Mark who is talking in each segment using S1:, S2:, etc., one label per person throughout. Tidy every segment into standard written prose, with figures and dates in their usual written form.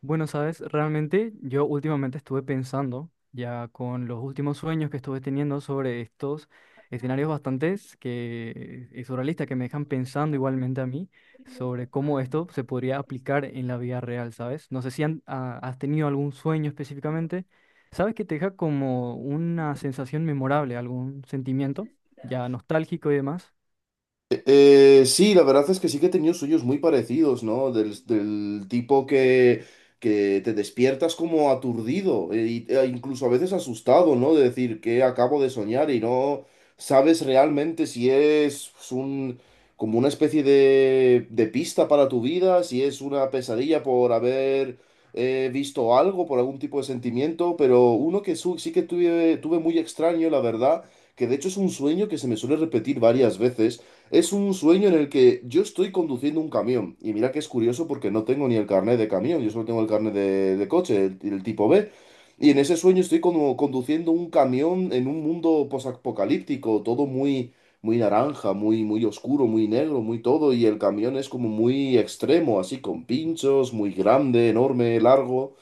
S1: Bueno, sabes, realmente yo últimamente estuve pensando, ya con los últimos sueños que estuve teniendo sobre estos escenarios bastantes que, y surrealistas que me dejan pensando igualmente a mí sobre cómo esto se podría aplicar en la vida real, ¿sabes? No sé si has tenido algún sueño específicamente, ¿sabes? Que te deja como una sensación memorable, algún sentimiento ya nostálgico y demás.
S2: Sí, la verdad es que sí que he tenido sueños muy parecidos, ¿no? Del tipo que te despiertas como aturdido e incluso a veces asustado, ¿no? De decir que acabo de soñar y no sabes realmente si es pues, un, como una especie de pista para tu vida, si es una pesadilla por haber visto algo, por algún tipo de sentimiento, pero uno que sí que tuve, tuve muy extraño, la verdad, que de hecho es un sueño que se me suele repetir varias veces, es un sueño en el que yo estoy conduciendo un camión. Y mira que es curioso porque no tengo ni el carnet de camión, yo solo tengo el carnet de coche, el tipo B. Y en ese sueño estoy como conduciendo un camión en un mundo posapocalíptico, todo muy, muy naranja, muy, muy oscuro, muy negro, muy todo. Y el camión es como muy extremo, así con pinchos, muy grande, enorme, largo.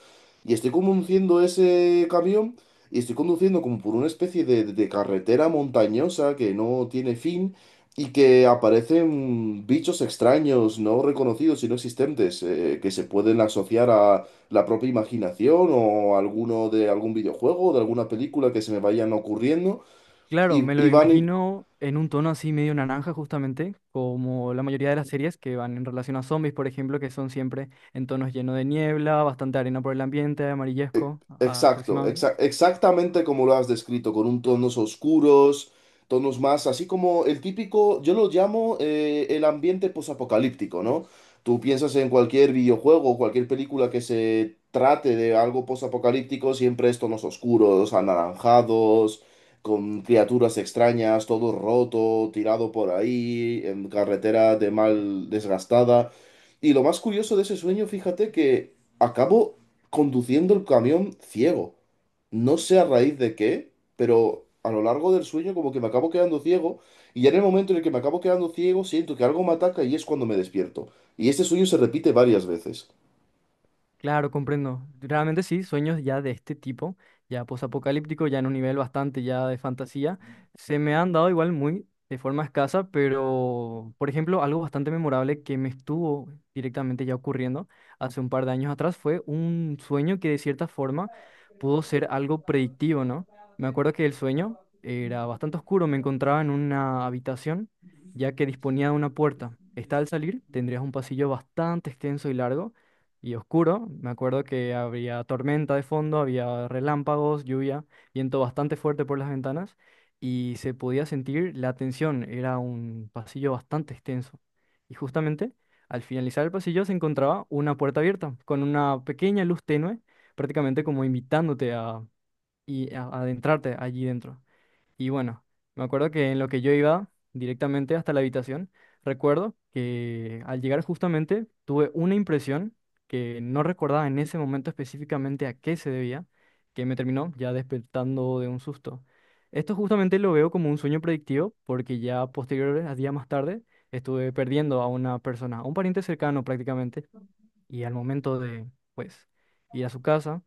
S2: Y estoy conduciendo ese camión y estoy conduciendo como por una especie de carretera montañosa que no tiene fin. Y que aparecen bichos extraños, no reconocidos y no existentes, que se pueden asociar a la propia imaginación o alguno de algún videojuego o de alguna película que se me vayan ocurriendo
S1: Claro, me lo
S2: y van.
S1: imagino en un tono así medio naranja justamente, como la mayoría de las series que van en relación a zombies, por ejemplo, que son siempre en tonos llenos de niebla, bastante arena por el ambiente, amarillesco, ah,
S2: Exacto,
S1: aproximadamente.
S2: exa- exactamente como lo has descrito, con un tonos oscuros, tonos más, así como el típico, yo lo llamo el ambiente posapocalíptico, ¿no? Tú piensas en cualquier videojuego, o cualquier película que se trate de algo posapocalíptico, siempre es tonos oscuros, anaranjados, con criaturas extrañas, todo roto, tirado por ahí, en carretera de mal desgastada. Y lo más curioso de ese sueño, fíjate que acabo conduciendo el camión ciego. No sé a raíz de qué, pero a lo largo del sueño como que me acabo quedando ciego y ya en el momento en el que me acabo quedando ciego siento que algo me ataca y es cuando me despierto. Y este sueño se repite varias veces.
S1: Claro, comprendo. Realmente sí, sueños ya de este tipo, ya posapocalíptico, ya en un nivel bastante ya de fantasía, se me han dado igual muy de forma escasa, pero por ejemplo, algo bastante memorable que me estuvo directamente ya ocurriendo hace un par de años atrás fue un sueño que de cierta forma pudo ser algo predictivo, ¿no? Me acuerdo que el sueño era bastante oscuro, me encontraba en una habitación ya que disponía de una puerta. Está al salir, tendrías un pasillo bastante extenso y largo y oscuro. Me acuerdo que había tormenta de fondo, había relámpagos, lluvia, viento bastante fuerte por las ventanas y se podía sentir la tensión. Era un pasillo bastante extenso. Y justamente al finalizar el pasillo se encontraba una puerta abierta con una pequeña luz tenue, prácticamente como invitándote a, a adentrarte allí dentro. Y bueno, me acuerdo que en lo que yo iba directamente hasta la habitación, recuerdo que al llegar justamente tuve una impresión que no recordaba en ese momento específicamente a qué se debía, que me terminó ya despertando de un susto. Esto justamente lo veo como un sueño predictivo porque ya posteriores, a días más tarde, estuve perdiendo a una persona, a un pariente cercano prácticamente, y al momento de, pues, ir a su casa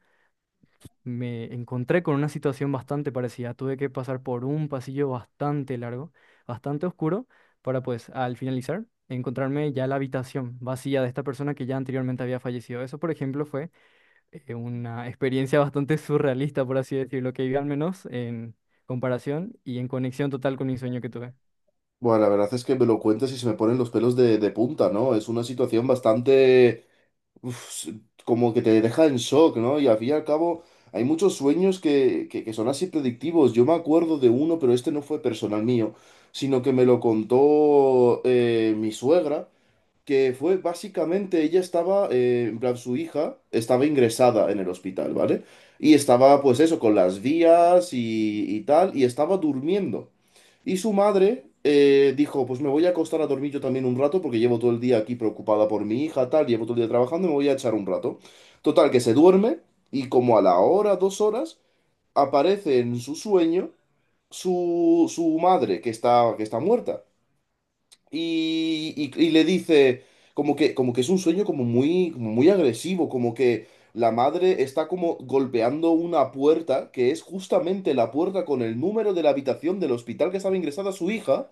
S1: me encontré con una situación bastante parecida. Tuve que pasar por un pasillo bastante largo, bastante oscuro, para pues al finalizar encontrarme ya la habitación vacía de esta persona que ya anteriormente había fallecido. Eso, por ejemplo, fue una experiencia bastante surrealista, por así decirlo, que viví al menos en comparación y en conexión total con mi sueño que tuve.
S2: Bueno, la verdad es que me lo cuentas y se me ponen los pelos de punta, ¿no? Es una situación bastante, uf, como que te deja en shock, ¿no? Y al fin y al cabo, hay muchos sueños que son así predictivos. Yo me acuerdo de uno, pero este no fue personal mío, sino que me lo contó mi suegra, que fue básicamente ella estaba, en plan, su hija estaba ingresada en el hospital, ¿vale? Y estaba, pues eso, con las vías y tal, y estaba durmiendo. Y su madre dijo, pues me voy a acostar a dormir yo también un rato, porque llevo todo el día aquí preocupada por mi hija, tal, llevo todo el día trabajando, me voy a echar un rato. Total, que se duerme, y como a la hora, dos horas, aparece en su sueño su madre, que está muerta y le dice como que es un sueño como muy agresivo, como que la madre está como golpeando una puerta, que es justamente la puerta con el número de la habitación del hospital que estaba ingresada su hija,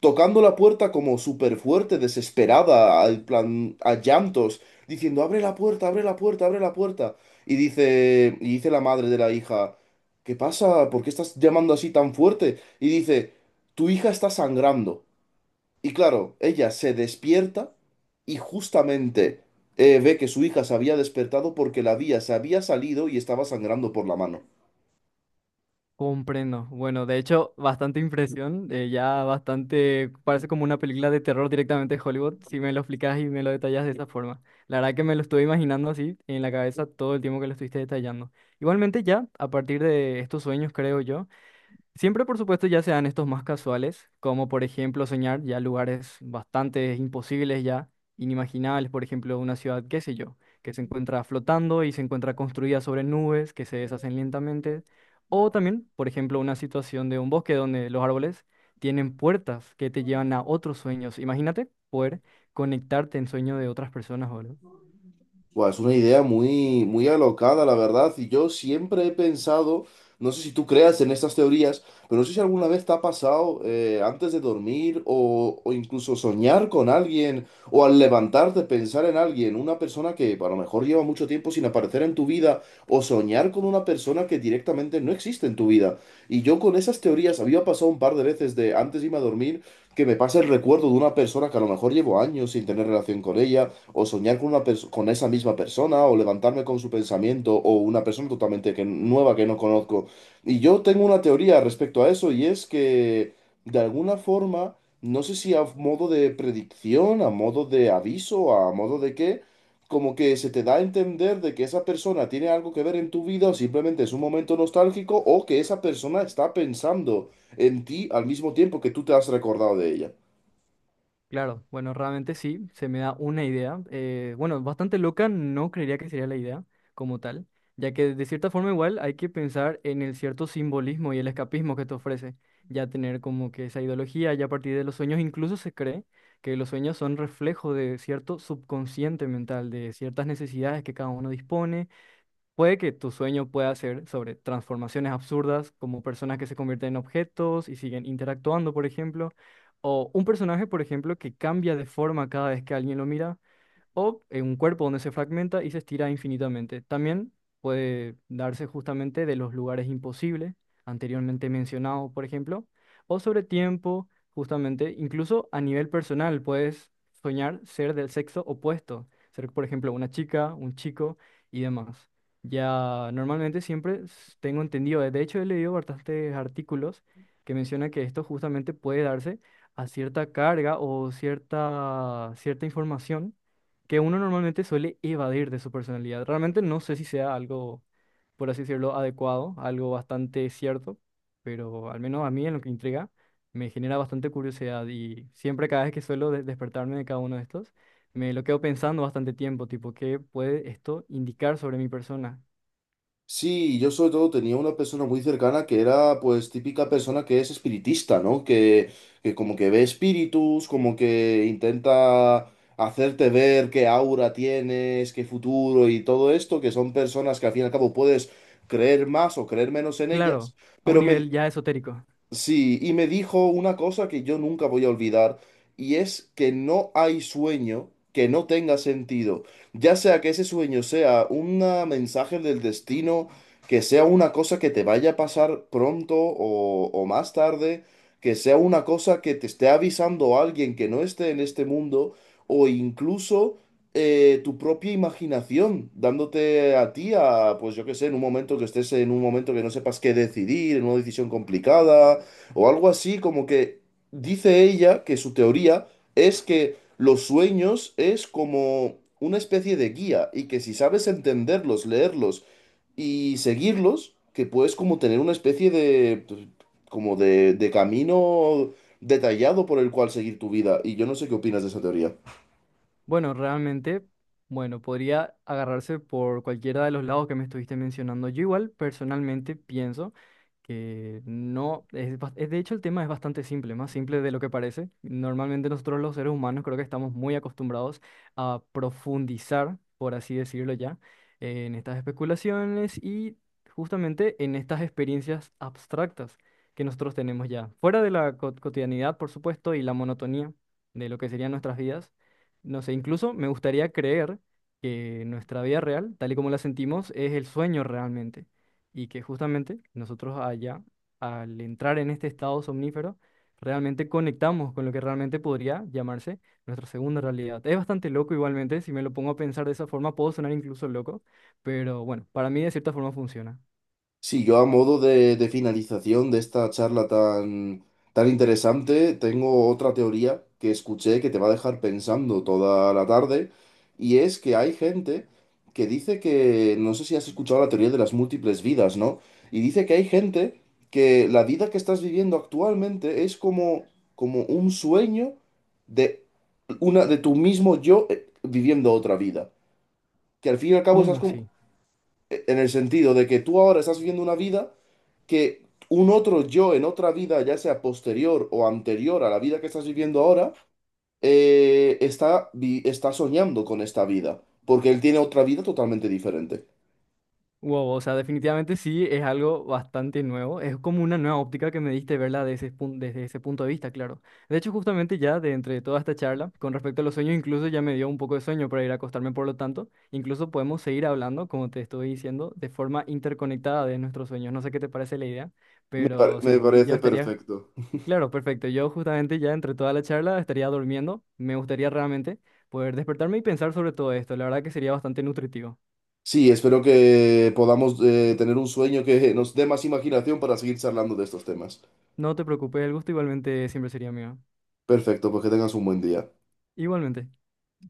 S2: tocando la puerta como súper fuerte, desesperada, al plan, a llantos, diciendo, abre la puerta, abre la puerta, abre la puerta. Y dice la madre de la hija, ¿qué pasa? ¿Por qué estás llamando así tan fuerte? Y dice, tu hija está sangrando. Y claro, ella se despierta y justamente ve que su hija se había despertado porque la vía se había salido y estaba sangrando por la mano.
S1: Comprendo. Bueno, de hecho, bastante impresión, ya bastante, parece como una película de terror directamente de Hollywood, si me lo explicas y me lo detallas de esa forma. La verdad que me lo estuve imaginando así en la cabeza todo el tiempo que lo estuviste detallando. Igualmente ya, a partir de estos sueños, creo yo, siempre, por supuesto, ya sean estos más casuales, como por ejemplo soñar ya lugares bastante imposibles, ya inimaginables, por ejemplo, una ciudad, qué sé yo, que se encuentra flotando y se encuentra construida sobre nubes que se deshacen lentamente, o también, por ejemplo, una situación de un bosque donde los árboles tienen puertas que te llevan a otros sueños. Imagínate poder conectarte en sueño de otras personas, ¿verdad?
S2: Buah, es una idea muy, muy alocada, la verdad. Y yo siempre he pensado, no sé si tú creas en estas teorías, pero no sé si alguna vez te ha pasado antes de dormir o incluso soñar con alguien o al levantarte pensar en alguien, una persona que a lo mejor lleva mucho tiempo sin aparecer en tu vida o soñar con una persona que directamente no existe en tu vida. Y yo con esas teorías había pasado un par de veces de antes de irme a dormir que me pasa el recuerdo de una persona que a lo mejor llevo años sin tener relación con ella o soñar con una con esa misma persona, o levantarme con su pensamiento, o una persona totalmente que, nueva que no conozco. Y yo tengo una teoría respecto a eso, y es que de alguna forma, no sé si a modo de predicción, a modo de aviso, a modo de qué, como que se te da a entender de que esa persona tiene algo que ver en tu vida, o simplemente es un momento nostálgico, o que esa persona está pensando en ti al mismo tiempo que tú te has recordado de ella.
S1: Claro, bueno, realmente sí, se me da una idea. Bueno, bastante loca, no creería que sería la idea como tal, ya que de cierta forma igual hay que pensar en el cierto simbolismo y el escapismo que te ofrece, ya tener como que esa ideología, ya a partir de los sueños incluso se cree que los sueños son reflejo de cierto subconsciente mental, de ciertas necesidades que cada uno dispone. Puede que tu sueño pueda ser sobre transformaciones absurdas, como personas que se convierten en objetos y siguen interactuando, por ejemplo, o un personaje, por ejemplo, que cambia de forma cada vez que alguien lo mira o en un cuerpo donde se fragmenta y se estira infinitamente. También puede darse justamente de los lugares imposibles, anteriormente mencionados, por ejemplo, o sobre tiempo, justamente, incluso a nivel personal, puedes soñar ser del sexo opuesto, ser, por ejemplo, una chica, un chico y demás. Ya normalmente tengo entendido, de hecho he leído bastantes artículos que mencionan que esto justamente puede darse a cierta carga o cierta información que uno normalmente suele evadir de su personalidad. Realmente no sé si sea algo, por así decirlo, adecuado, algo bastante cierto, pero al menos a mí en lo que intriga me genera bastante curiosidad y siempre cada vez que suelo despertarme de cada uno de estos, me lo quedo pensando bastante tiempo, tipo, ¿qué puede esto indicar sobre mi persona?
S2: Sí, yo sobre todo tenía una persona muy cercana que era pues típica persona que es espiritista, ¿no? Que como que ve espíritus, como que intenta hacerte ver qué aura tienes, qué futuro y todo esto, que son personas que al fin y al cabo puedes creer más o creer menos en ellas,
S1: Claro, a un
S2: pero me,
S1: nivel ya esotérico.
S2: sí, y me dijo una cosa que yo nunca voy a olvidar, y es que no hay sueño que no tenga sentido, ya sea que ese sueño sea un mensaje del destino, que sea una cosa que te vaya a pasar pronto o más tarde, que sea una cosa que te esté avisando alguien que no esté en este mundo, o incluso tu propia imaginación, dándote a ti a, pues yo qué sé, en un momento que estés en un momento que no sepas qué decidir, en una decisión complicada o algo así, como que dice ella que su teoría es que los sueños es como una especie de guía y que si sabes entenderlos, leerlos y seguirlos, que puedes como tener una especie de como de camino detallado por el cual seguir tu vida. Y yo no sé qué opinas de esa teoría.
S1: Bueno, realmente... Bueno, podría agarrarse por cualquiera de los lados que me estuviste mencionando. Yo igual personalmente pienso que no, de hecho el tema es bastante simple, más simple de lo que parece. Normalmente nosotros los seres humanos creo que estamos muy acostumbrados a profundizar, por así decirlo ya, en estas especulaciones y justamente en estas experiencias abstractas que nosotros tenemos ya, fuera de la cotidianidad, por supuesto, y la monotonía de lo que serían nuestras vidas. No sé, incluso me gustaría creer que nuestra vida real, tal y como la sentimos, es el sueño realmente y que justamente nosotros allá, al entrar en este estado somnífero, realmente conectamos con lo que realmente podría llamarse nuestra segunda realidad. Es bastante loco igualmente, si me lo pongo a pensar de esa forma, puedo sonar incluso loco, pero bueno, para mí de cierta forma funciona.
S2: Sí, yo a modo de finalización de esta charla tan, tan interesante, tengo otra teoría que escuché que te va a dejar pensando toda la tarde, y es que hay gente que dice que, no sé si has escuchado la teoría de las múltiples vidas, ¿no? Y dice que hay gente que la vida que estás viviendo actualmente es como, como un sueño de una, de tu mismo yo viviendo otra vida. Que al fin y al cabo estás
S1: ¿Cómo
S2: como,
S1: sí?
S2: en el sentido de que tú ahora estás viviendo una vida que un otro yo en otra vida, ya sea posterior o anterior a la vida que estás viviendo ahora, está, está soñando con esta vida, porque él tiene otra vida totalmente diferente.
S1: Wow, o sea, definitivamente sí, es algo bastante nuevo. Es como una nueva óptica que me diste verla desde desde ese punto de vista, claro. De hecho, justamente ya de entre toda esta charla, con respecto a los sueños, incluso ya me dio un poco de sueño para ir a acostarme, por lo tanto, incluso podemos seguir hablando, como te estoy diciendo, de forma interconectada de nuestros sueños. No sé qué te parece la idea,
S2: Me, par-
S1: pero
S2: me
S1: sí, yo
S2: parece
S1: estaría,
S2: perfecto.
S1: claro, perfecto. Yo justamente ya entre toda la charla estaría durmiendo. Me gustaría realmente poder despertarme y pensar sobre todo esto. La verdad que sería bastante nutritivo.
S2: Sí, espero que podamos tener un sueño que nos dé más imaginación para seguir charlando de estos temas.
S1: No te preocupes, el gusto igualmente siempre sería mío.
S2: Perfecto, pues que tengas un buen día.
S1: Igualmente.